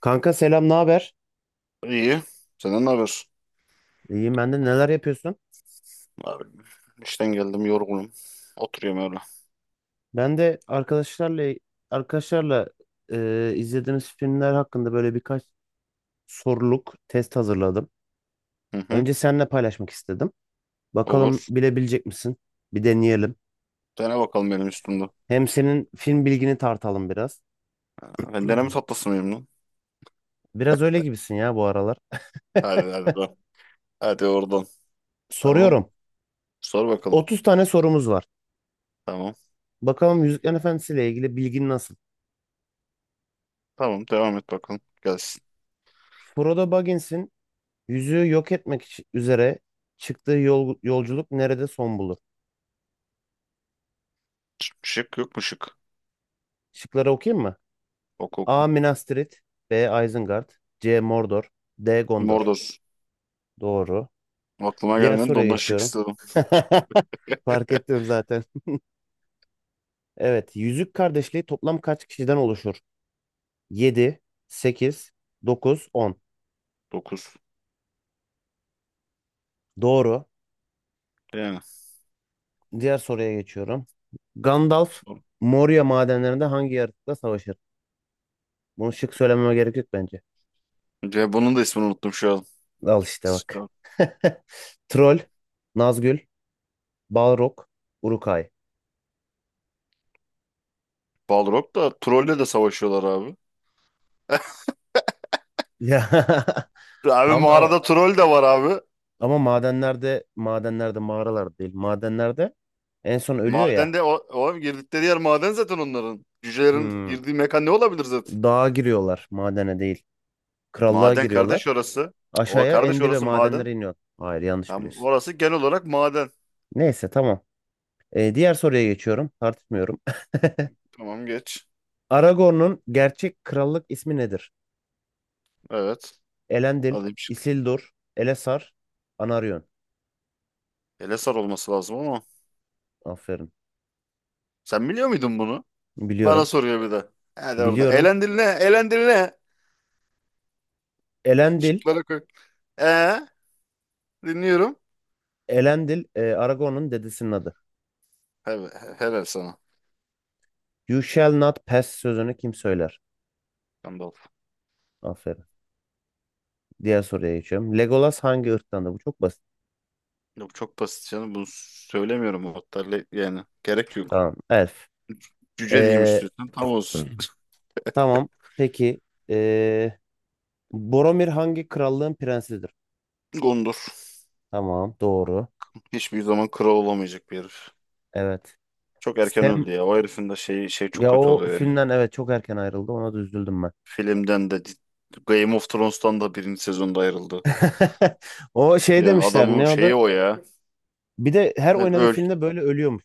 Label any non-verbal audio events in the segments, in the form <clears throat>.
Kanka selam, ne haber? İyi. Senden ne haber? İyiyim ben de neler yapıyorsun? Abi, işten geldim yorgunum. Oturuyorum öyle. Ben de arkadaşlarla izlediğimiz filmler hakkında böyle birkaç soruluk test hazırladım. Hı hı. Önce seninle paylaşmak istedim. Bakalım Olur. bilebilecek misin? Bir deneyelim. Dene bakalım benim üstümde. Hem senin film bilgini tartalım biraz. Ha, ben deneme tatlısı mıyım lan? Biraz öyle gibisin ya bu aralar. <laughs> Hadi hadi lan. Hadi oradan. Tamam. Soruyorum. Sor bakalım. 30 tane sorumuz var. Tamam. Bakalım Yüzüklerin Efendisi ile ilgili bilgin nasıl? Tamam devam et bakalım. Gelsin. Frodo Baggins'in yüzüğü yok etmek için- üzere çıktığı yolculuk nerede son bulur? Şık şık yok mu şık? Şıkları okuyayım mı? Oku oku. A. Minas Tirith, B. Isengard, C. Mordor, D. Gondor. Mordor. Doğru. Aklıma Diğer gelmedi de soruya ondan şık geçiyorum. istedim. <laughs> Fark ettim zaten. Evet. Yüzük Kardeşliği toplam kaç kişiden oluşur? 7, 8, 9, 10. 9. Doğru. Yani. Diğer soruya geçiyorum. Gandalf Sor. Moria madenlerinde hangi yaratıkla savaşır? Bunu şık söylememe gerek yok bence. Ya bunun da ismini unuttum şu an. Al işte İşte. bak. <laughs> Troll, Nazgül, Balrog, Uruk-hai. Balrog da trolle de savaşıyorlar abi. Ya <laughs> Abi tam da ama mağarada troll de var abi. Ama madenlerde, mağaralar değil. Madenlerde en son ölüyor ya. Madende o girdikleri yer maden zaten onların. Cücelerin Hmm. girdiği mekan ne olabilir zaten? Dağa giriyorlar, madene değil. Krallığa Maden kardeş giriyorlar. orası. O Aşağıya kardeş en dibe orası maden. madenlere iniyor. Hayır, yanlış Tamam, biliyorsun. orası genel olarak maden. Neyse tamam. Diğer soruya geçiyorum. Tartışmıyorum. <laughs> Tamam geç. Aragorn'un gerçek krallık ismi nedir? Evet. Elendil, Alayım şimdi. Isildur, Elessar, Anarion. Elesar olması lazım ama. Aferin. Sen biliyor muydun bunu? Bana Biliyorum. soruyor bir de. Hadi orada. Biliyorum. Elendil ne? Elendil ne? Elendil, Şıklara koy. Ee, Dinliyorum. Elendil Aragorn'un dedesinin adı. He, helal sana. You shall not pass sözünü kim söyler? Gandalf. Aferin. Diğer soruya geçiyorum. Legolas hangi ırktandı? Bu çok basit. Yok çok basit canım. Bunu söylemiyorum hatta. Yani gerek yok. Tamam. Elf. Cüce diyeyim Ee, istiyorsan tam olsun. <clears throat> <laughs> tamam. Peki. Ee, boromir hangi krallığın prensidir? Gondor. Tamam. Doğru. Hiçbir zaman kral olamayacak bir herif. Evet. Çok erken Sam öldü ya. O herifin de şey çok ya kötü o oluyor yani. filmden evet çok erken ayrıldı. Ona da üzüldüm ben. Filmden de Game of Thrones'tan da birinci sezonda ayrıldı. <laughs> O şey Yani demişler adamın ne adı? şeyi o ya. Bir de her Yani oynadığı öl. filmde böyle ölüyormuş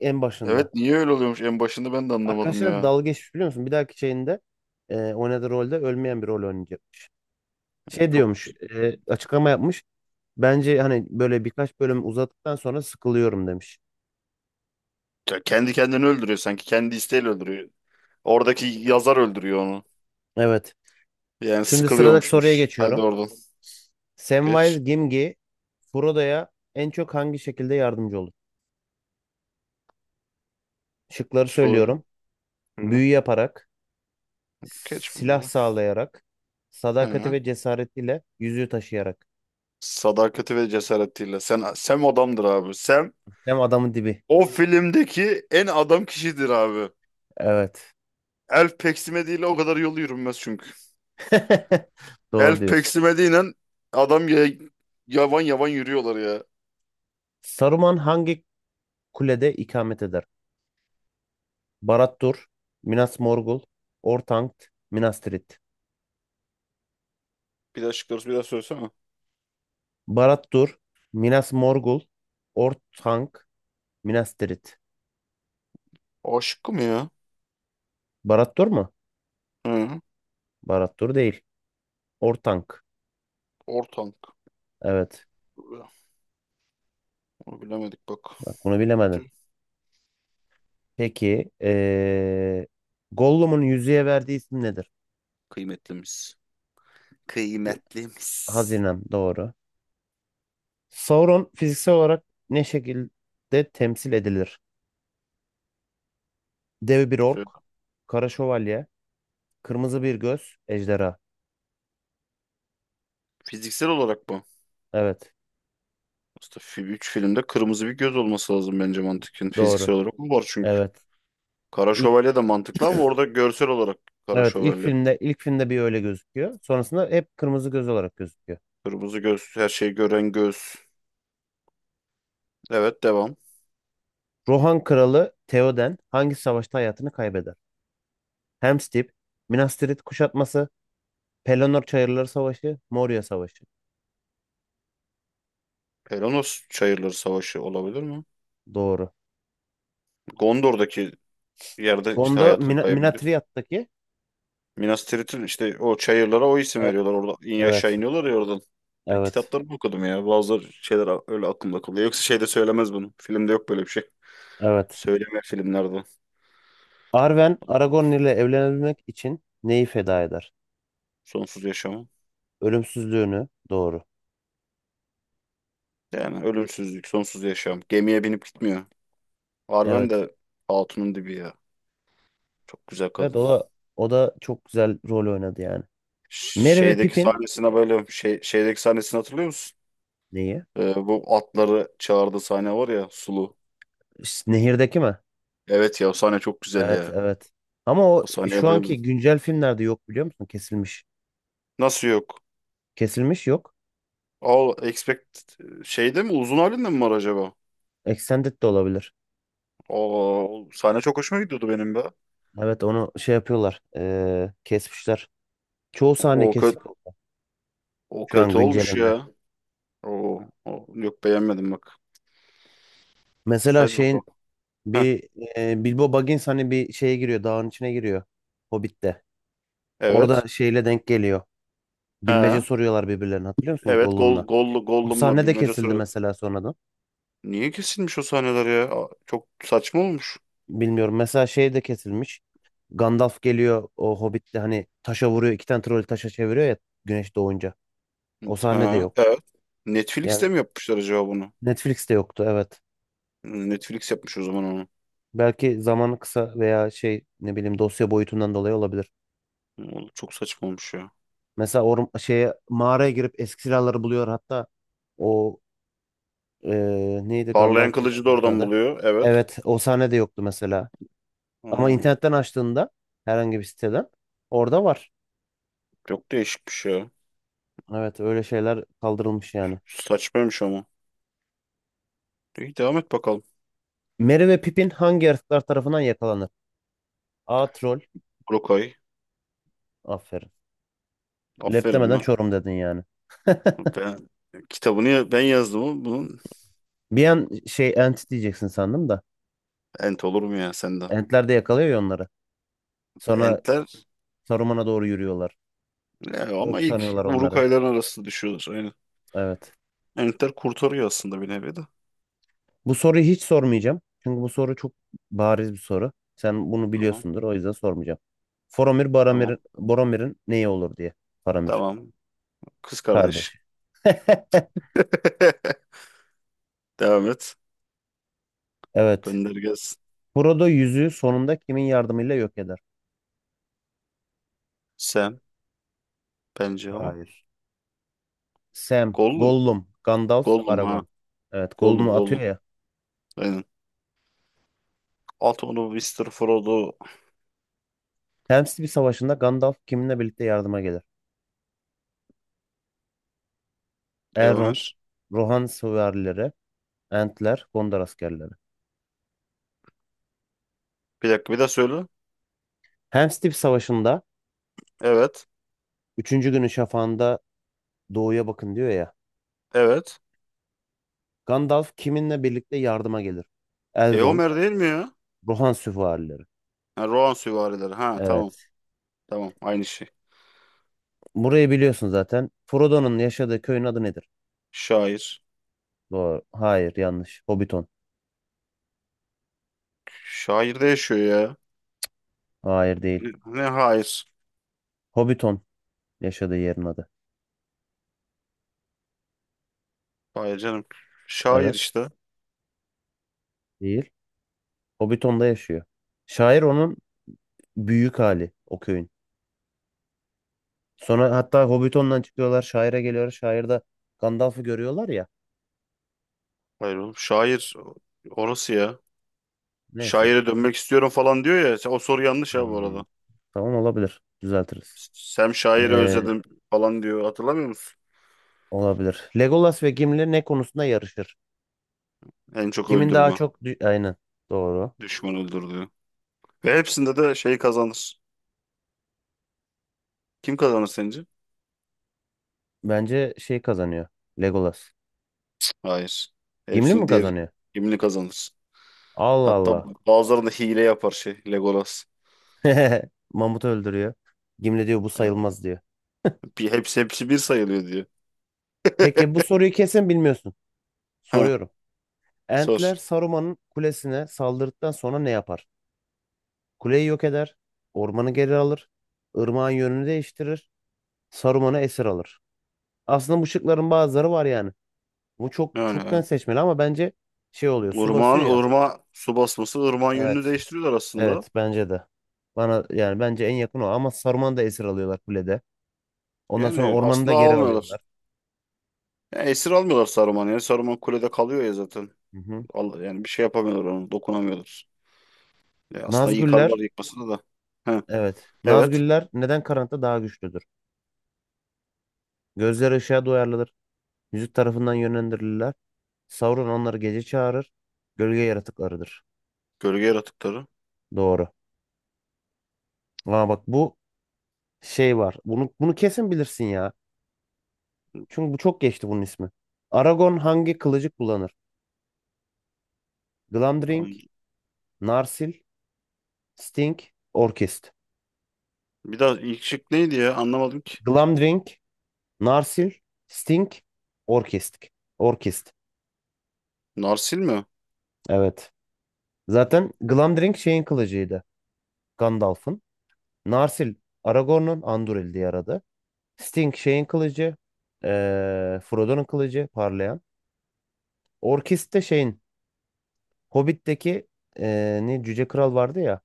en başında. Evet niye öyle oluyormuş en başında ben de anlamadım Arkadaşlar ya. dalga geçmiş biliyor musun? Bir dahaki şeyinde oynadığı rolde ölmeyen bir rol oynayacakmış. Şey Çok diyormuş, açıklama yapmış. Bence hani böyle birkaç bölüm uzattıktan sonra sıkılıyorum demiş. ya kendi kendini öldürüyor sanki. Kendi isteğiyle öldürüyor. Oradaki yazar öldürüyor onu. Evet. Yani Şimdi sıradaki soruya sıkılıyormuşmuş. Hadi geçiyorum. oradan. Geç. Samwise Gamgee Frodo'ya en çok hangi şekilde yardımcı olur? Şıkları Söyle. söylüyorum. Hı. Büyü yaparak, Geç silah bunları. sağlayarak, sadakati He. ve cesaretiyle, yüzüğü taşıyarak. Sadakati ve cesaretiyle. Sen Sem adamdır abi. Sem Hem adamın dibi. O filmdeki en adam kişidir abi. Evet. Elf peksime değil o kadar yol yürünmez çünkü. <laughs> Doğru Elf diyorsun. peksime değil lan, adam ya, yavan yavan yürüyorlar ya. Saruman hangi kulede ikamet eder? Barad-dûr, Minas Morgul, Orthanc, Minas Tirith. Bir daha şıkları bir daha söylesene. Barad Dur, Minas Morgul, Ortank, Minas Tirith. A şıkkı mı ya? Barad Dur mu? Hı. Barad Dur değil. Ortank. Ortank. Evet. Onu bilemedik bak. Bak bunu bilemedin. Tüh. Peki. Gollum'un yüzüğe verdiği isim nedir? Kıymetlimiz. Kıymetlimiz. Hazinem. Doğru. Sauron fiziksel olarak ne şekilde temsil edilir? Dev bir ork, Söyle. kara şövalye, kırmızı bir göz, ejderha. Fiziksel olarak mı? Evet. Aslında 3 filmde kırmızı bir göz olması lazım bence mantıken. Doğru. Fiziksel olarak mı var çünkü. Evet. Kara İlk, Şövalye de mantıklı ama orada görsel olarak Kara evet ilk Şövalye filmde ilk filmde bir öyle gözüküyor. Sonrasında hep kırmızı göz olarak gözüküyor. kırmızı göz, her şeyi gören göz. Evet devam. Rohan kralı Theoden hangi savaşta hayatını kaybeder? Helm's Deep, Minas Tirith kuşatması, Pelennor Çayırları Savaşı, Moria Savaşı. Pelonos Çayırları Savaşı olabilir mi? Doğru. Gondor'daki yerde işte Gondo hayatını Mina, kaybediyor. Minatriyat'taki Minas Tirith'in işte o çayırlara o isim evet, veriyorlar. Orada in aşağı evet, iniyorlar ya oradan. Ben evet, kitaplarımı okudum ya. Bazı şeyler öyle aklımda kalıyor. Yoksa şeyde söylemez bunu. Filmde yok böyle bir şey. evet. Söyleme filmlerde. Arwen Aragorn ile evlenebilmek için neyi feda eder? Sonsuz yaşamı. Ölümsüzlüğünü. Doğru. Yani ölümsüzlük, sonsuz yaşam. Gemiye binip gitmiyor. Arwen Evet. de hatunun dibi ya. Çok güzel Evet kadın. o da, o da çok güzel rol oynadı yani. Merry ve Şeydeki Pippin sahnesine böyle şeydeki sahnesini hatırlıyor musun? neyi? Bu atları çağırdığı sahne var ya Sulu. Ş- Nehirdeki mi? Evet ya o sahne çok güzel Evet, ya. evet. Ama o O şu sahneye anki bayıldım. güncel filmlerde yok biliyor musun? Kesilmiş. Nasıl yok? Kesilmiş yok. All Expect şeyde mi uzun halinde mi var acaba? Extended de olabilir. O, sahne çok hoşuma gidiyordu benim be. Evet onu şey yapıyorlar. Kesmişler. Çoğu sahne O kötü kesik o şu an kötü olmuş güncelinde. ya. O yok beğenmedim bak. Mesela Saydı bakalım. şeyin Heh, bir Bilbo Baggins hani bir şeye giriyor. Dağın içine giriyor. Hobbit'te. evet. Orada şeyle denk geliyor. Bilmece Ha. soruyorlar birbirlerine hatırlıyor musun Evet Gollum'la? gol gollu O gollumla sahne de bilmece kesildi soru. mesela sonradan. Niye kesilmiş o sahneler ya? Aa, çok saçma olmuş. Bilmiyorum. Mesela şey de kesilmiş. Gandalf geliyor o Hobbit'te hani taşa vuruyor. İki tane troll taşa çeviriyor ya güneş doğunca. O sahne de Ha, yok. evet. Yani Netflix'te mi yapmışlar acaba bunu? Netflix'te yoktu evet. Hmm, Netflix yapmış o zaman onu. Belki zamanı kısa veya şey ne bileyim dosya boyutundan dolayı olabilir. Hmm, oğlum çok saçma olmuş ya. Mesela or şeye mağaraya girip eski silahları buluyor hatta o neydi Parlayan Gandalf'ın kılıcı da kılıcının oradan adı. buluyor. Evet. Evet o sahne de yoktu mesela. Ama Aa, internetten açtığında herhangi bir siteden orada var. çok değişikmiş ya. Evet öyle şeyler kaldırılmış yani. Saçmaymış ama. İyi devam et bakalım. Merry ve Pippin hangi yaratıklar tarafından yakalanır? A. Troll. Brokay. Aferin. Lep Aferin demeden mi? Çorum dedin yani. Ben kitabını ben yazdım ama bunun Bir an şey Ent diyeceksin sandım da. ent olur mu ya sende? Entler de yakalıyor ya onları. Sonra Entler Saruman'a doğru yürüyorlar. ya ama Ork ilk sanıyorlar onları. Urukayların arasında düşüyorlar. Aynen. Evet. Entler kurtarıyor aslında bir nevi de. Bu soruyu hiç sormayacağım. Çünkü bu soru çok bariz bir soru. Sen bunu Tamam. biliyorsundur. O yüzden sormayacağım. Faramir Baramir, Tamam. Boromir'in neyi olur diye. Faramir. Tamam. Kız kardeş. Kardeş. <laughs> <laughs> Devam et. Evet. Gönder gelsin. Frodo yüzüğü sonunda kimin yardımıyla yok eder? Sam bence ama. Hayır. Sam, Gollum. Gollum, Gandalf, Gollum ha. Aragorn. Evet, Gollum Gollum'u atıyor Gollum. ya. Aynen. At onu Mr. Frodo. Helm's savaşında Gandalf kiminle birlikte yardıma gelir? E Elrond, Homer. Rohan süvarileri, Entler, Gondor askerleri. Bir dakika bir daha söyle. Helm's Deep Savaşı'nda Evet. üçüncü günün şafağında doğuya bakın diyor ya. Evet. Gandalf kiminle birlikte yardıma gelir? E Elrond, Homer değil mi ya? Rohan süvarileri. Ha, Rohan süvarileri. Ha tamam. Evet. Tamam. Aynı şey. Burayı biliyorsun zaten. Frodo'nun yaşadığı köyün adı nedir? Şair. Doğru. Hayır, yanlış. Hobbiton. Şair de yaşıyor ya. Hayır değil. Ne ne hayır. Hobbiton yaşadığı yerin adı. Hayır canım. Şair Evet. işte. Değil. Hobbiton'da yaşıyor. Şair onun büyük hali o köyün. Sonra hatta Hobbiton'dan çıkıyorlar, şaire geliyorlar. Şairde Gandalf'ı görüyorlar ya. Hayır oğlum. Şair orası ya. Neyse. Şaire dönmek istiyorum falan diyor ya. O soru yanlış ha bu Hmm, arada. tamam olabilir. Düzeltiriz. Sam şairi Ee, özledim falan diyor. Hatırlamıyor musun? olabilir. Legolas ve Gimli ne konusunda yarışır? En çok Kimin daha öldürme. çok... dü- Aynen. Doğru. Düşman öldürdüğü. Ve hepsinde de şey kazanır. Kim kazanır sence? Bence şey kazanıyor. Legolas. Hayır. Gimli mi Hepsini diğer kazanıyor? kimini kazanır. Allah Hatta Allah. bazılarında hile yapar şey Legolas. <laughs> Mamut öldürüyor. Gimli diyor bu Yani sayılmaz diyor. bir, hepsi hepsi bir sayılıyor diyor. <laughs> Peki bu soruyu kesin bilmiyorsun. Ha, Soruyorum. sor. Entler Saruman'ın kulesine saldırdıktan sonra ne yapar? Kuleyi yok eder. Ormanı geri alır. Irmağın yönünü değiştirir. Saruman'ı esir alır. Aslında bu şıkların bazıları var yani. Bu çok çoktan Yani seçmeli ama bence şey oluyor. Su ırmağın basıyor ya. ırmağa su basması ırmağın yönünü Evet. değiştiriyorlar aslında. Evet bence de. Bana yani bence en yakın o ama Saruman'ı da esir alıyorlar kulede. Ondan sonra Yani ormanı da aslında geri almıyorlar. alıyorlar. Yani esir almıyorlar Saruman'ı. Yani Saruman kulede kalıyor ya zaten. Hı hı. Allah, yani bir şey yapamıyorlar onu. Dokunamıyorlar. Ya aslında Nazgüller yıkarlar yıkmasını da. Ha, evet. evet. Nazgüller neden karanlıkta daha güçlüdür? Gözleri ışığa duyarlıdır. Müzik tarafından yönlendirilirler. Sauron onları gece çağırır. Gölge yaratıklarıdır. Gölge yaratıkları. Doğru. Aa bak bu şey var. Bunu kesin bilirsin ya. Çünkü bu çok geçti bunun ismi. Aragon hangi kılıcı kullanır? Glamdring, An- Narsil, Sting, Orkest. Bir daha ilk şık neydi ya? Anlamadım ki. Glamdring, Narsil, Sting, Orkest. Orkest. Narsil mi? Evet. Zaten Glamdring şeyin kılıcıydı. Gandalf'ın. Narsil, Aragorn'un Anduril diye aradı. Sting şeyin kılıcı. Frodo'nun kılıcı parlayan. Orkest de şeyin Hobbit'teki ne Cüce Kral vardı ya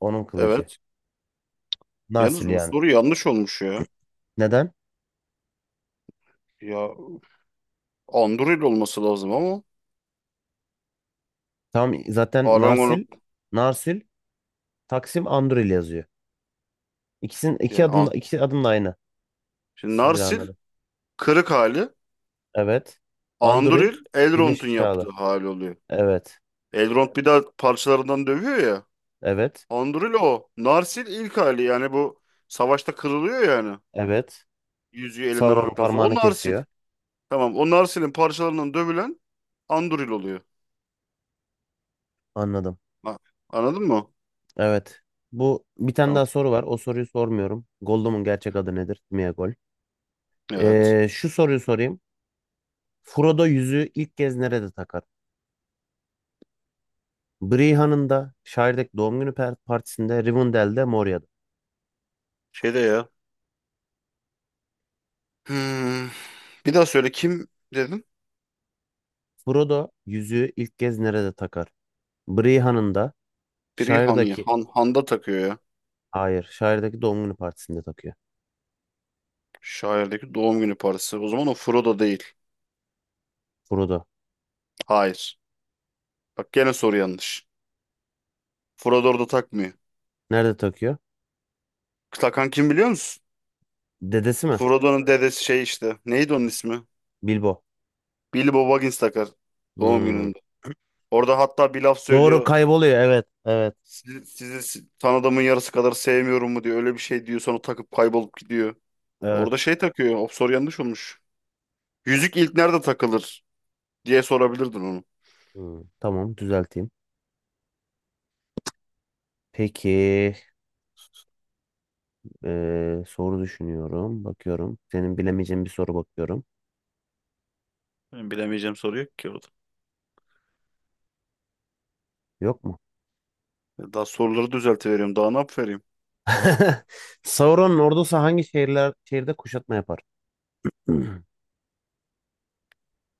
onun kılıcı. Evet. Yalnız Narsil bu yani. soru yanlış olmuş ya. Neden? Ya Anduril olması lazım ama Tam zaten Arangonok Narsil Taksim Anduril yazıyor. İkisinin iki yani adım An- iki adım da aynı Şimdi silahın Narsil adı. kırık hali. Evet. Anduril Anduril Elrond'un Birleşmiş Krallık. yaptığı hali oluyor. Evet. Elrond bir daha parçalarından dövüyor ya. Evet. Anduril o. Narsil ilk hali yani bu savaşta kırılıyor yani. Evet. Yüzüğü elinden Sauron'un aldıktan sonra. O parmağını Narsil. kesiyor. Tamam o Narsil'in parçalarından dövülen Anduril oluyor. Anladım. Ha, anladın mı? Evet. Bu bir tane Tamam. daha soru var. O soruyu sormuyorum. Gollum'un gerçek adı nedir? Sméagol. Evet. Şu soruyu sorayım. Frodo yüzüğü ilk kez nerede takar? Briha'nın da Shire'daki doğum günü partisinde, Rivendell'de, Moria'da. Şeyde ya. Hmm. Bir daha söyle kim dedim? Frodo yüzüğü ilk kez nerede takar? Briha'nın da Biri Han ya. Shire'daki Han'da takıyor ya. Hayır. Şairdeki doğum günü partisinde takıyor. Şairdeki doğum günü parası. O zaman o Frodo değil. Frodo. Hayır. Bak gene soru yanlış. Frodo orada takmıyor. Nerede takıyor? Takan kim biliyor musun? Dedesi mi? Frodo'nun dedesi şey işte. Neydi onun ismi? Bilbo. Bilbo Baggins takar. Doğum Hmm. gününde. Orada hatta bir laf Doğru söylüyor. kayboluyor. Evet. Evet. Sizi tanıdığımın yarısı kadar sevmiyorum mu diyor. Öyle bir şey diyor. Sonra takıp kaybolup gidiyor. Orada Evet. şey takıyor. O soru yanlış olmuş. Yüzük ilk nerede takılır? Diye sorabilirdin onu. Hmm, tamam düzelteyim. Peki soru düşünüyorum. Bakıyorum. Senin bilemeyeceğin bir soru bakıyorum. Benim bilemeyeceğim soru yok ki orada. Yok mu? Daha soruları düzeltiveriyorum. Daha ne yapıvereyim? <laughs> Sauron'un ordusu hangi şehirde kuşatma yapar? <clears throat>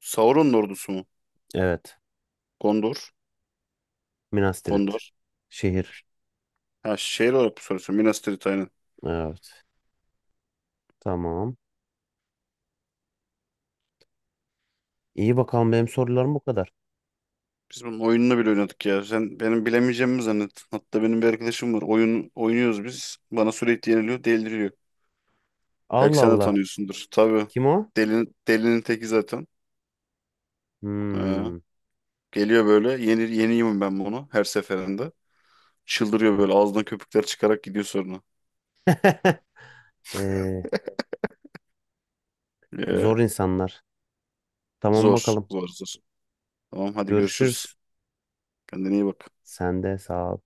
Sauron'un ordusu mu? Evet. Gondor. Minas Tirith. Gondor. Şehir. Ha şehir olarak bu soruyorsun. Minas Tirith aynen. Evet. Tamam. İyi bakalım benim sorularım bu kadar. Biz bunun oyununu bile oynadık ya. Sen benim bilemeyeceğimi mi zannet. Hatta benim bir arkadaşım var. Oyun oynuyoruz biz. Bana sürekli yeniliyor, deliriyor. Belki Allah sen de Allah. tanıyorsundur. Tabii. Kim o? Delinin teki zaten. Ha. Hmm. Geliyor böyle. Yeniyim ben bunu her seferinde. Çıldırıyor böyle ağzından köpükler çıkarak gidiyor sonra. <laughs> Ee, Ya, zor insanlar. Tamam Zor, bakalım. zor, zor. Tamam hadi görüşürüz. Görüşürüz. Kendine iyi bak. Sen de sağ ol.